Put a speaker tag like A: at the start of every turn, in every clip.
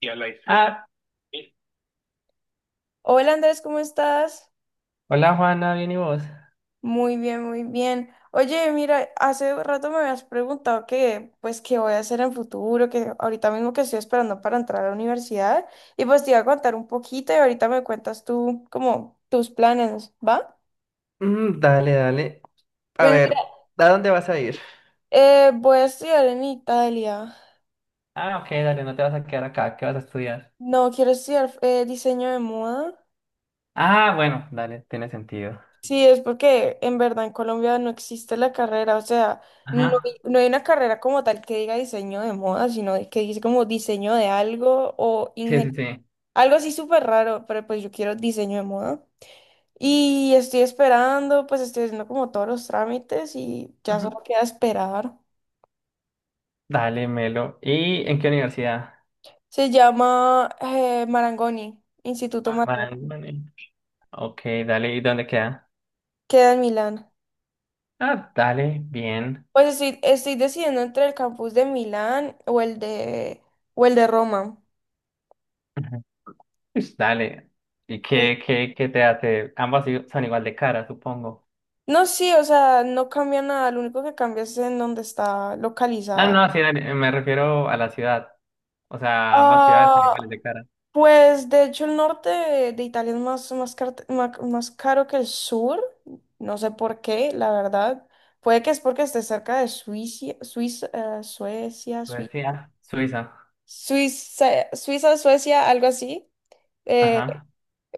A: Y a Life. Ah, ¿Sí?
B: Hola Andrés, ¿cómo estás?
A: Hola Juana, ¿bien y vos?
B: Muy bien, muy bien. Oye, mira, hace rato me habías preguntado que, pues, qué voy a hacer en futuro, que ahorita mismo que estoy esperando para entrar a la universidad, y pues te iba a contar un poquito y ahorita me cuentas tú como tus planes, ¿va?
A: Mm, dale, dale. A
B: Pues mira,
A: ver, ¿a dónde vas a ir?
B: voy a estudiar en Italia.
A: Ah, ok, dale, no te vas a quedar acá, ¿qué vas a estudiar?
B: No, quiero estudiar diseño de moda.
A: Ah, bueno, dale, tiene sentido.
B: Sí, es porque en verdad en Colombia no existe la carrera, o sea, no hay,
A: Ajá,
B: no hay una carrera como tal que diga diseño de moda, que dice como diseño de algo o
A: sí, sí,
B: ingeniería,
A: sí.
B: algo así súper raro, pero pues yo quiero diseño de moda. Y estoy esperando, pues estoy haciendo como todos los trámites y ya solo
A: Ujú.
B: queda esperar.
A: Dale, Melo. ¿Y en qué universidad?
B: Se llama Marangoni, Instituto
A: Ah,
B: Marangoni,
A: Marangoni. Ok, dale, ¿y dónde queda?
B: queda en Milán.
A: Ah, dale, bien.
B: Pues estoy decidiendo entre el campus de Milán o el de Roma.
A: Ujú. Pues dale. ¿Y qué te hace? Ambas son igual de cara, supongo.
B: No, sí, o sea, no cambia nada, lo único que cambia es en dónde está
A: Ah,
B: localizada.
A: no, sí, dale, me refiero a la ciudad. O sea, ambas ciudades son iguales
B: Ah,
A: de cara.
B: pues de hecho el norte de Italia es más, más, más caro que el sur, no sé por qué, la verdad. Puede que es porque esté cerca de Suiza, Suiza, Suecia, Suiza,
A: Suecia, Suiza,
B: Suiza, Suiza, Suecia, algo así. eh,
A: ajá,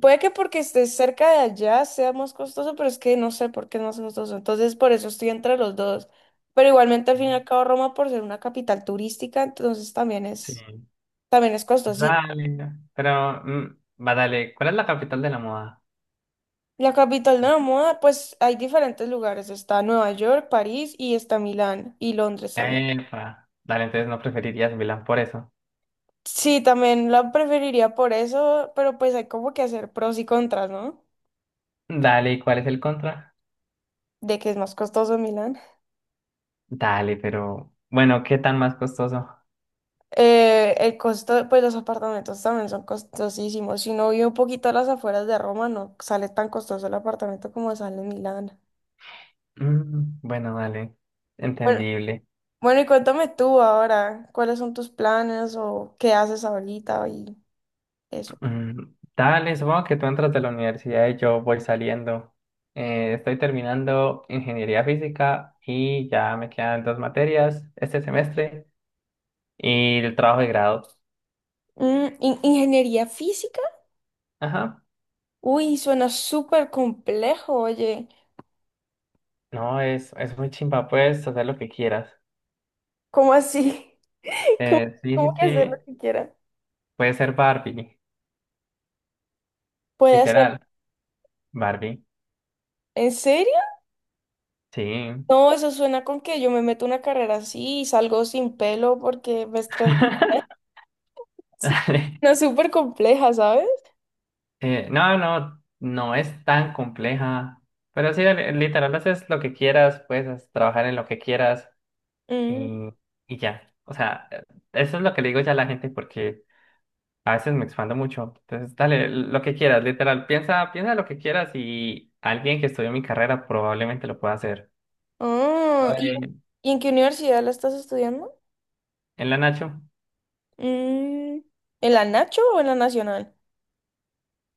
B: Puede que porque esté cerca de allá sea más costoso, pero es que no sé por qué es más costoso. Entonces, por eso estoy entre los dos. Pero igualmente, al fin y al cabo, Roma, por ser una capital turística, entonces también
A: sí,
B: es, también es costoso. Y
A: dale, pero, va, dale, ¿cuál es la capital de la moda?
B: la capital de la moda, pues hay diferentes lugares. Está Nueva York, París y está Milán y Londres también.
A: Epa, dale, entonces no preferirías Milán por eso.
B: Sí, también la preferiría por eso, pero pues hay como que hacer pros y contras, ¿no?
A: Dale, ¿y cuál es el contra?
B: De que es más costoso Milán.
A: Dale, pero, bueno, ¿qué tan más costoso?
B: El costo, pues los apartamentos también son costosísimos. Si uno vive un poquito a las afueras de Roma, no sale tan costoso el apartamento como sale en Milán.
A: Mm, bueno, dale,
B: Bueno,
A: entendible.
B: bueno, y cuéntame tú ahora, ¿cuáles son tus planes o qué haces ahorita y eso?
A: Mm, dale, supongo que tú entras de la universidad y yo voy saliendo. Estoy terminando ingeniería física y ya me quedan dos materias este semestre y el trabajo de grado.
B: ¿Ingeniería física?
A: Ajá.
B: Uy, suena súper complejo, oye.
A: No, es muy chimba, puedes hacer lo que quieras.
B: ¿Cómo así? ¿Cómo,
A: Sí,
B: cómo
A: sí,
B: que hacer lo
A: sí.
B: que quiera?
A: Puede ser Barbie,
B: ¿Puede hacer?
A: literal. Barbie,
B: ¿En serio?
A: sí.
B: No, eso suena con que yo me meto una carrera así y salgo sin pelo porque me estresé.
A: Dale.
B: No, es súper compleja, ¿sabes?
A: No, no, no es tan compleja. Pero sí, dale, literal, haces lo que quieras, puedes trabajar en lo que quieras
B: Mm.
A: y, y ya. O sea, eso es lo que le digo ya a la gente porque a veces me expando mucho. Entonces, dale, lo que quieras, literal, piensa, piensa lo que quieras y alguien que estudió mi carrera probablemente lo pueda hacer.
B: Ah, ¿y,
A: En,
B: y en qué universidad la estás estudiando?
A: en la Nacho,
B: Mm, ¿En la Nacho o en la Nacional?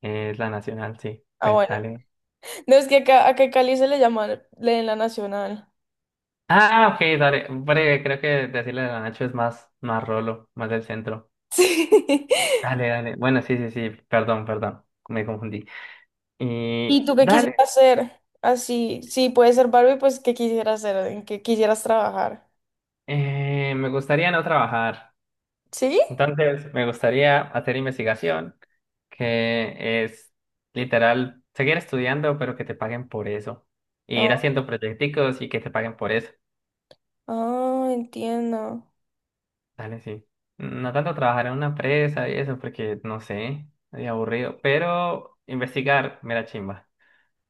A: es la nacional, sí.
B: Ah,
A: Pues
B: bueno.
A: dale.
B: No, es que acá en Cali se le llama en la Nacional.
A: Ah, ok, dale. Breve, creo que decirle de la Nacho es más, más rolo, más del centro.
B: Sí.
A: Dale, dale. Bueno, sí, sí, sí. Perdón, perdón. Me confundí.
B: ¿Y
A: Y
B: tú qué quisieras
A: dale.
B: hacer? Así, sí, puede ser Barbie, pues ¿qué quisieras hacer? ¿En qué quisieras trabajar?
A: Me gustaría no trabajar.
B: ¿Sí?
A: Entonces, me gustaría hacer investigación, que es literal seguir estudiando, pero que te paguen por eso. Y
B: Ah,
A: ir haciendo proyecticos y que te paguen por eso.
B: ah, entiendo.
A: Dale, sí. No tanto trabajar en una empresa y eso, porque no sé, es aburrido. Pero investigar, mera chimba.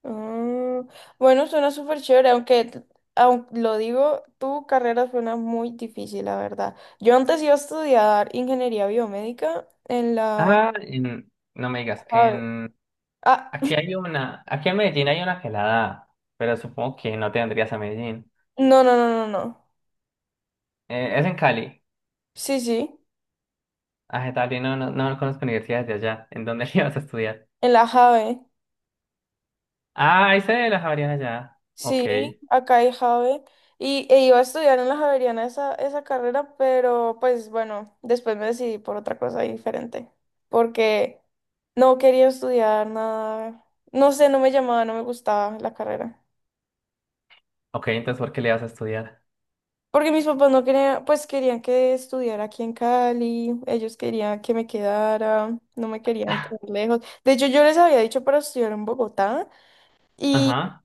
B: Mm, bueno, suena súper chévere, aunque, lo digo, tu carrera suena muy difícil, la verdad. Yo antes iba a estudiar ingeniería biomédica en la
A: Ah, no me digas,
B: JAVE.
A: en
B: Ah,
A: aquí hay una, aquí en Medellín hay una que la da, pero supongo que no te vendrías a Medellín.
B: no, no, no, no, no.
A: Es en Cali.
B: Sí, sí,
A: Ah, Cali, no, no, no conozco universidades de allá. ¿En dónde le vas a estudiar?
B: en la JAVE.
A: Ah, hice de las Javeriana allá. Ok,
B: Sí, acá hay JAVE. Y e iba a estudiar en la Javeriana esa carrera, pero pues bueno, después me decidí por otra cosa diferente. Porque no quería estudiar nada. No sé, no me llamaba, no me gustaba la carrera.
A: ok, entonces ¿por qué le vas a estudiar?
B: Porque mis papás no querían, pues querían que estudiara aquí en Cali, ellos querían que me quedara, no me querían tan lejos. De hecho, yo les había dicho para estudiar en Bogotá y,
A: Ajá.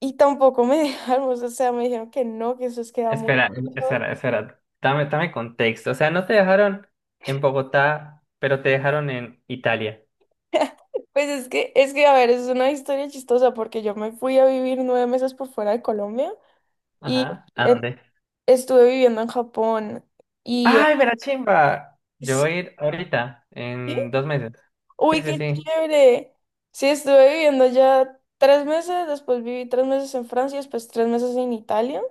B: y tampoco me dejaron, o sea, me dijeron que no, que eso es queda muy
A: Espera,
B: lejos.
A: espera, espera. Dame, dame contexto. O sea, no te dejaron en Bogotá, pero te dejaron en Italia.
B: Pues es que, a ver, es una historia chistosa porque yo me fui a vivir 9 meses por fuera de Colombia y
A: Ajá. ¿A
B: eh,
A: dónde?
B: estuve viviendo en Japón y... eh,
A: ¡Ay, Verachimba! Yo
B: sí.
A: voy a ir ahorita, en 2 meses.
B: Uy,
A: Sí, sí,
B: qué
A: sí.
B: chévere. Sí, estuve viviendo ya 3 meses, después viví 3 meses en Francia, después 3 meses en Italia.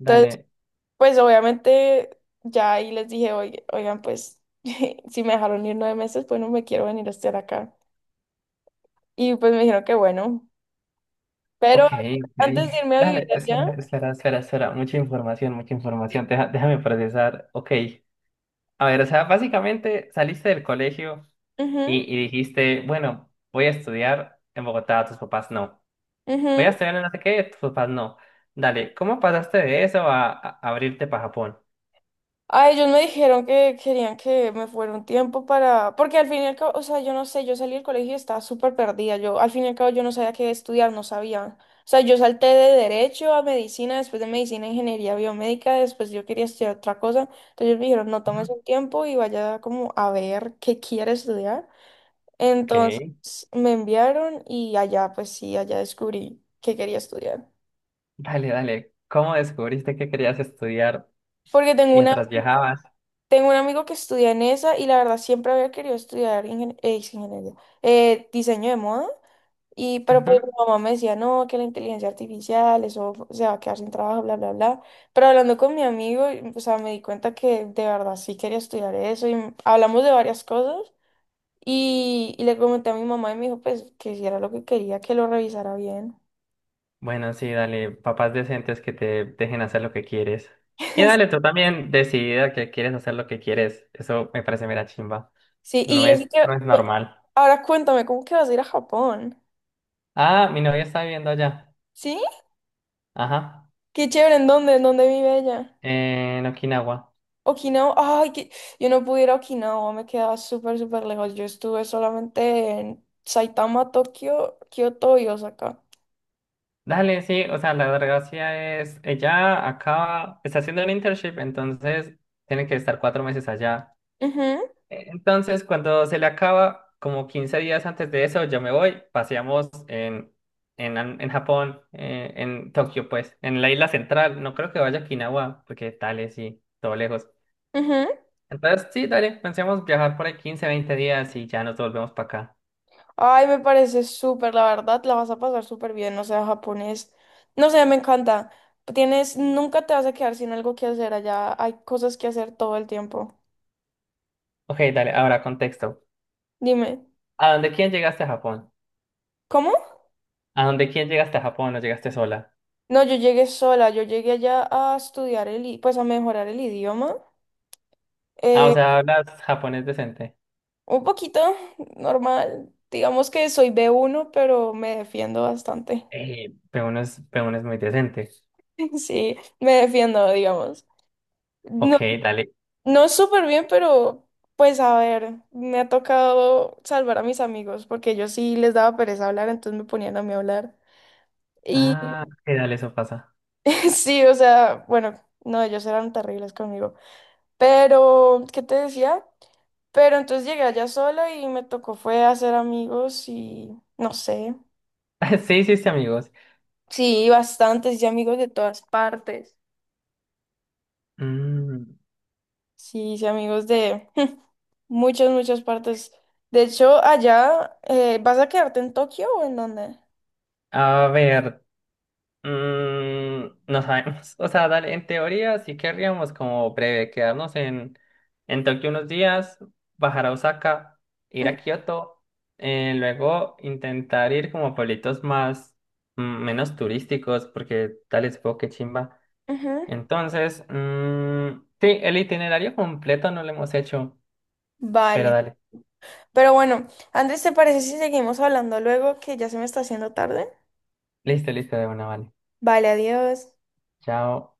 B: Entonces, pues obviamente ya ahí les dije, Oigan, pues si me dejaron ir 9 meses, pues no me quiero venir a estar acá. Y pues me dijeron que bueno.
A: Ok,
B: Pero
A: ok.
B: antes de irme a vivir
A: Dale, espera,
B: allá.
A: espera, espera, espera. Mucha información, mucha información. Déjame procesar. Ok. A ver, o sea, básicamente saliste del colegio y,
B: Ujú.
A: y dijiste, bueno, voy a estudiar en Bogotá, tus papás no. Voy a
B: Ujú.
A: estudiar en no sé qué, tus papás no. Dale, ¿cómo pasaste de eso a abrirte para Japón?
B: Ah, ellos me dijeron que querían que me fuera un tiempo para, porque al fin y al cabo, o sea, yo no sé, yo salí del colegio y estaba súper perdida, yo al fin y al cabo yo no sabía qué estudiar, no sabía, o sea, yo salté de derecho a medicina, después de medicina a ingeniería biomédica, después yo quería estudiar otra cosa, entonces ellos me dijeron, no
A: Ujú.
B: tomes un tiempo y vaya como a ver qué quiere estudiar, entonces
A: Ok,
B: me enviaron y allá, pues sí, allá descubrí qué quería estudiar,
A: dale, dale. ¿Cómo descubriste que querías estudiar
B: porque
A: mientras viajabas?
B: Tengo un amigo que estudia en esa y la verdad siempre había querido estudiar ingeniería, diseño de moda. Y, pero pues mi
A: Ujú.
B: mamá me decía, no, que la inteligencia artificial, eso se va a quedar sin trabajo, bla, bla, bla. Pero hablando con mi amigo, y, o sea, me di cuenta que de verdad sí quería estudiar eso y hablamos de varias cosas. Y le comenté a mi mamá y me dijo, pues, que si era lo que quería, que lo revisara bien.
A: Bueno, sí, dale, papás decentes que te dejen hacer lo que quieres. Y dale, tú también decidida que quieres hacer lo que quieres. Eso me parece mera chimba.
B: Sí,
A: No
B: y eso
A: es, no
B: que,
A: es
B: bueno,
A: normal.
B: ahora cuéntame, ¿cómo que vas a ir a Japón?
A: Ah, mi novia está viviendo allá.
B: ¿Sí?
A: Ajá.
B: Qué chévere, ¿en dónde? ¿En dónde vive ella?
A: En Okinawa.
B: Okinawa, ay, que yo no pude ir a Okinawa, me quedaba súper, súper lejos. Yo estuve solamente en Saitama, Tokio, Kioto y Osaka.
A: Dale, sí, o sea, la gracia es, ella acaba, está haciendo un internship, entonces tiene que estar 4 meses allá.
B: Ujú,
A: Entonces, cuando se le acaba, como 15 días antes de eso, yo me voy, paseamos en, en Japón, en Tokio, pues, en la isla central. No creo que vaya a Okinawa, porque dale, sí, todo lejos.
B: ujú.
A: Entonces, sí, dale, pensemos viajar por ahí 15, 20 días y ya nos volvemos para acá.
B: Ay, me parece súper, la verdad, la vas a pasar súper bien, o sea, japonés, no sé, me encanta. Tienes, nunca te vas a quedar sin algo que hacer allá, hay cosas que hacer todo el tiempo.
A: Ok, dale, ahora contexto.
B: Dime,
A: ¿A dónde quién llegaste a Japón?
B: ¿cómo?
A: ¿A dónde quién llegaste a Japón? ¿No llegaste sola?
B: No, yo llegué sola, yo llegué allá a estudiar pues a mejorar el idioma.
A: Ah, o
B: Eh,
A: sea, hablas japonés decente.
B: Un poquito normal. Digamos que soy B1 pero me defiendo bastante.
A: Pero uno es, pero uno es muy decente.
B: Sí, me defiendo, digamos.
A: Ok,
B: No,
A: dale.
B: no súper bien, pero pues a ver, me ha tocado salvar a mis amigos porque yo sí les daba pereza hablar, entonces me ponían a mí a hablar. Y
A: Ah, ok, dale, eso pasa.
B: sí, o sea, bueno, no, ellos eran terribles conmigo. Pero, ¿qué te decía? Pero entonces llegué allá sola y me tocó fue hacer amigos y no sé.
A: Sí, sí, sí, amigos.
B: Sí, bastantes, hice amigos de todas partes.
A: Mm,
B: Sí, hice amigos de muchas, muchas partes. De hecho, allá, ¿vas a quedarte en Tokio o en dónde?
A: a ver, no sabemos. O sea, dale, en teoría sí querríamos como breve quedarnos en Tokio unos días, bajar a Osaka, ir
B: Ujú,
A: a Kioto, luego intentar ir como a pueblitos más, menos turísticos, porque dale, supongo que chimba.
B: ujú.
A: Entonces, sí, el itinerario completo no lo hemos hecho, pero
B: Vale.
A: dale.
B: Pero bueno, Andrés, ¿te parece si seguimos hablando luego que ya se me está haciendo tarde?
A: Listo, listo, de una, vale.
B: Vale, adiós.
A: Chao.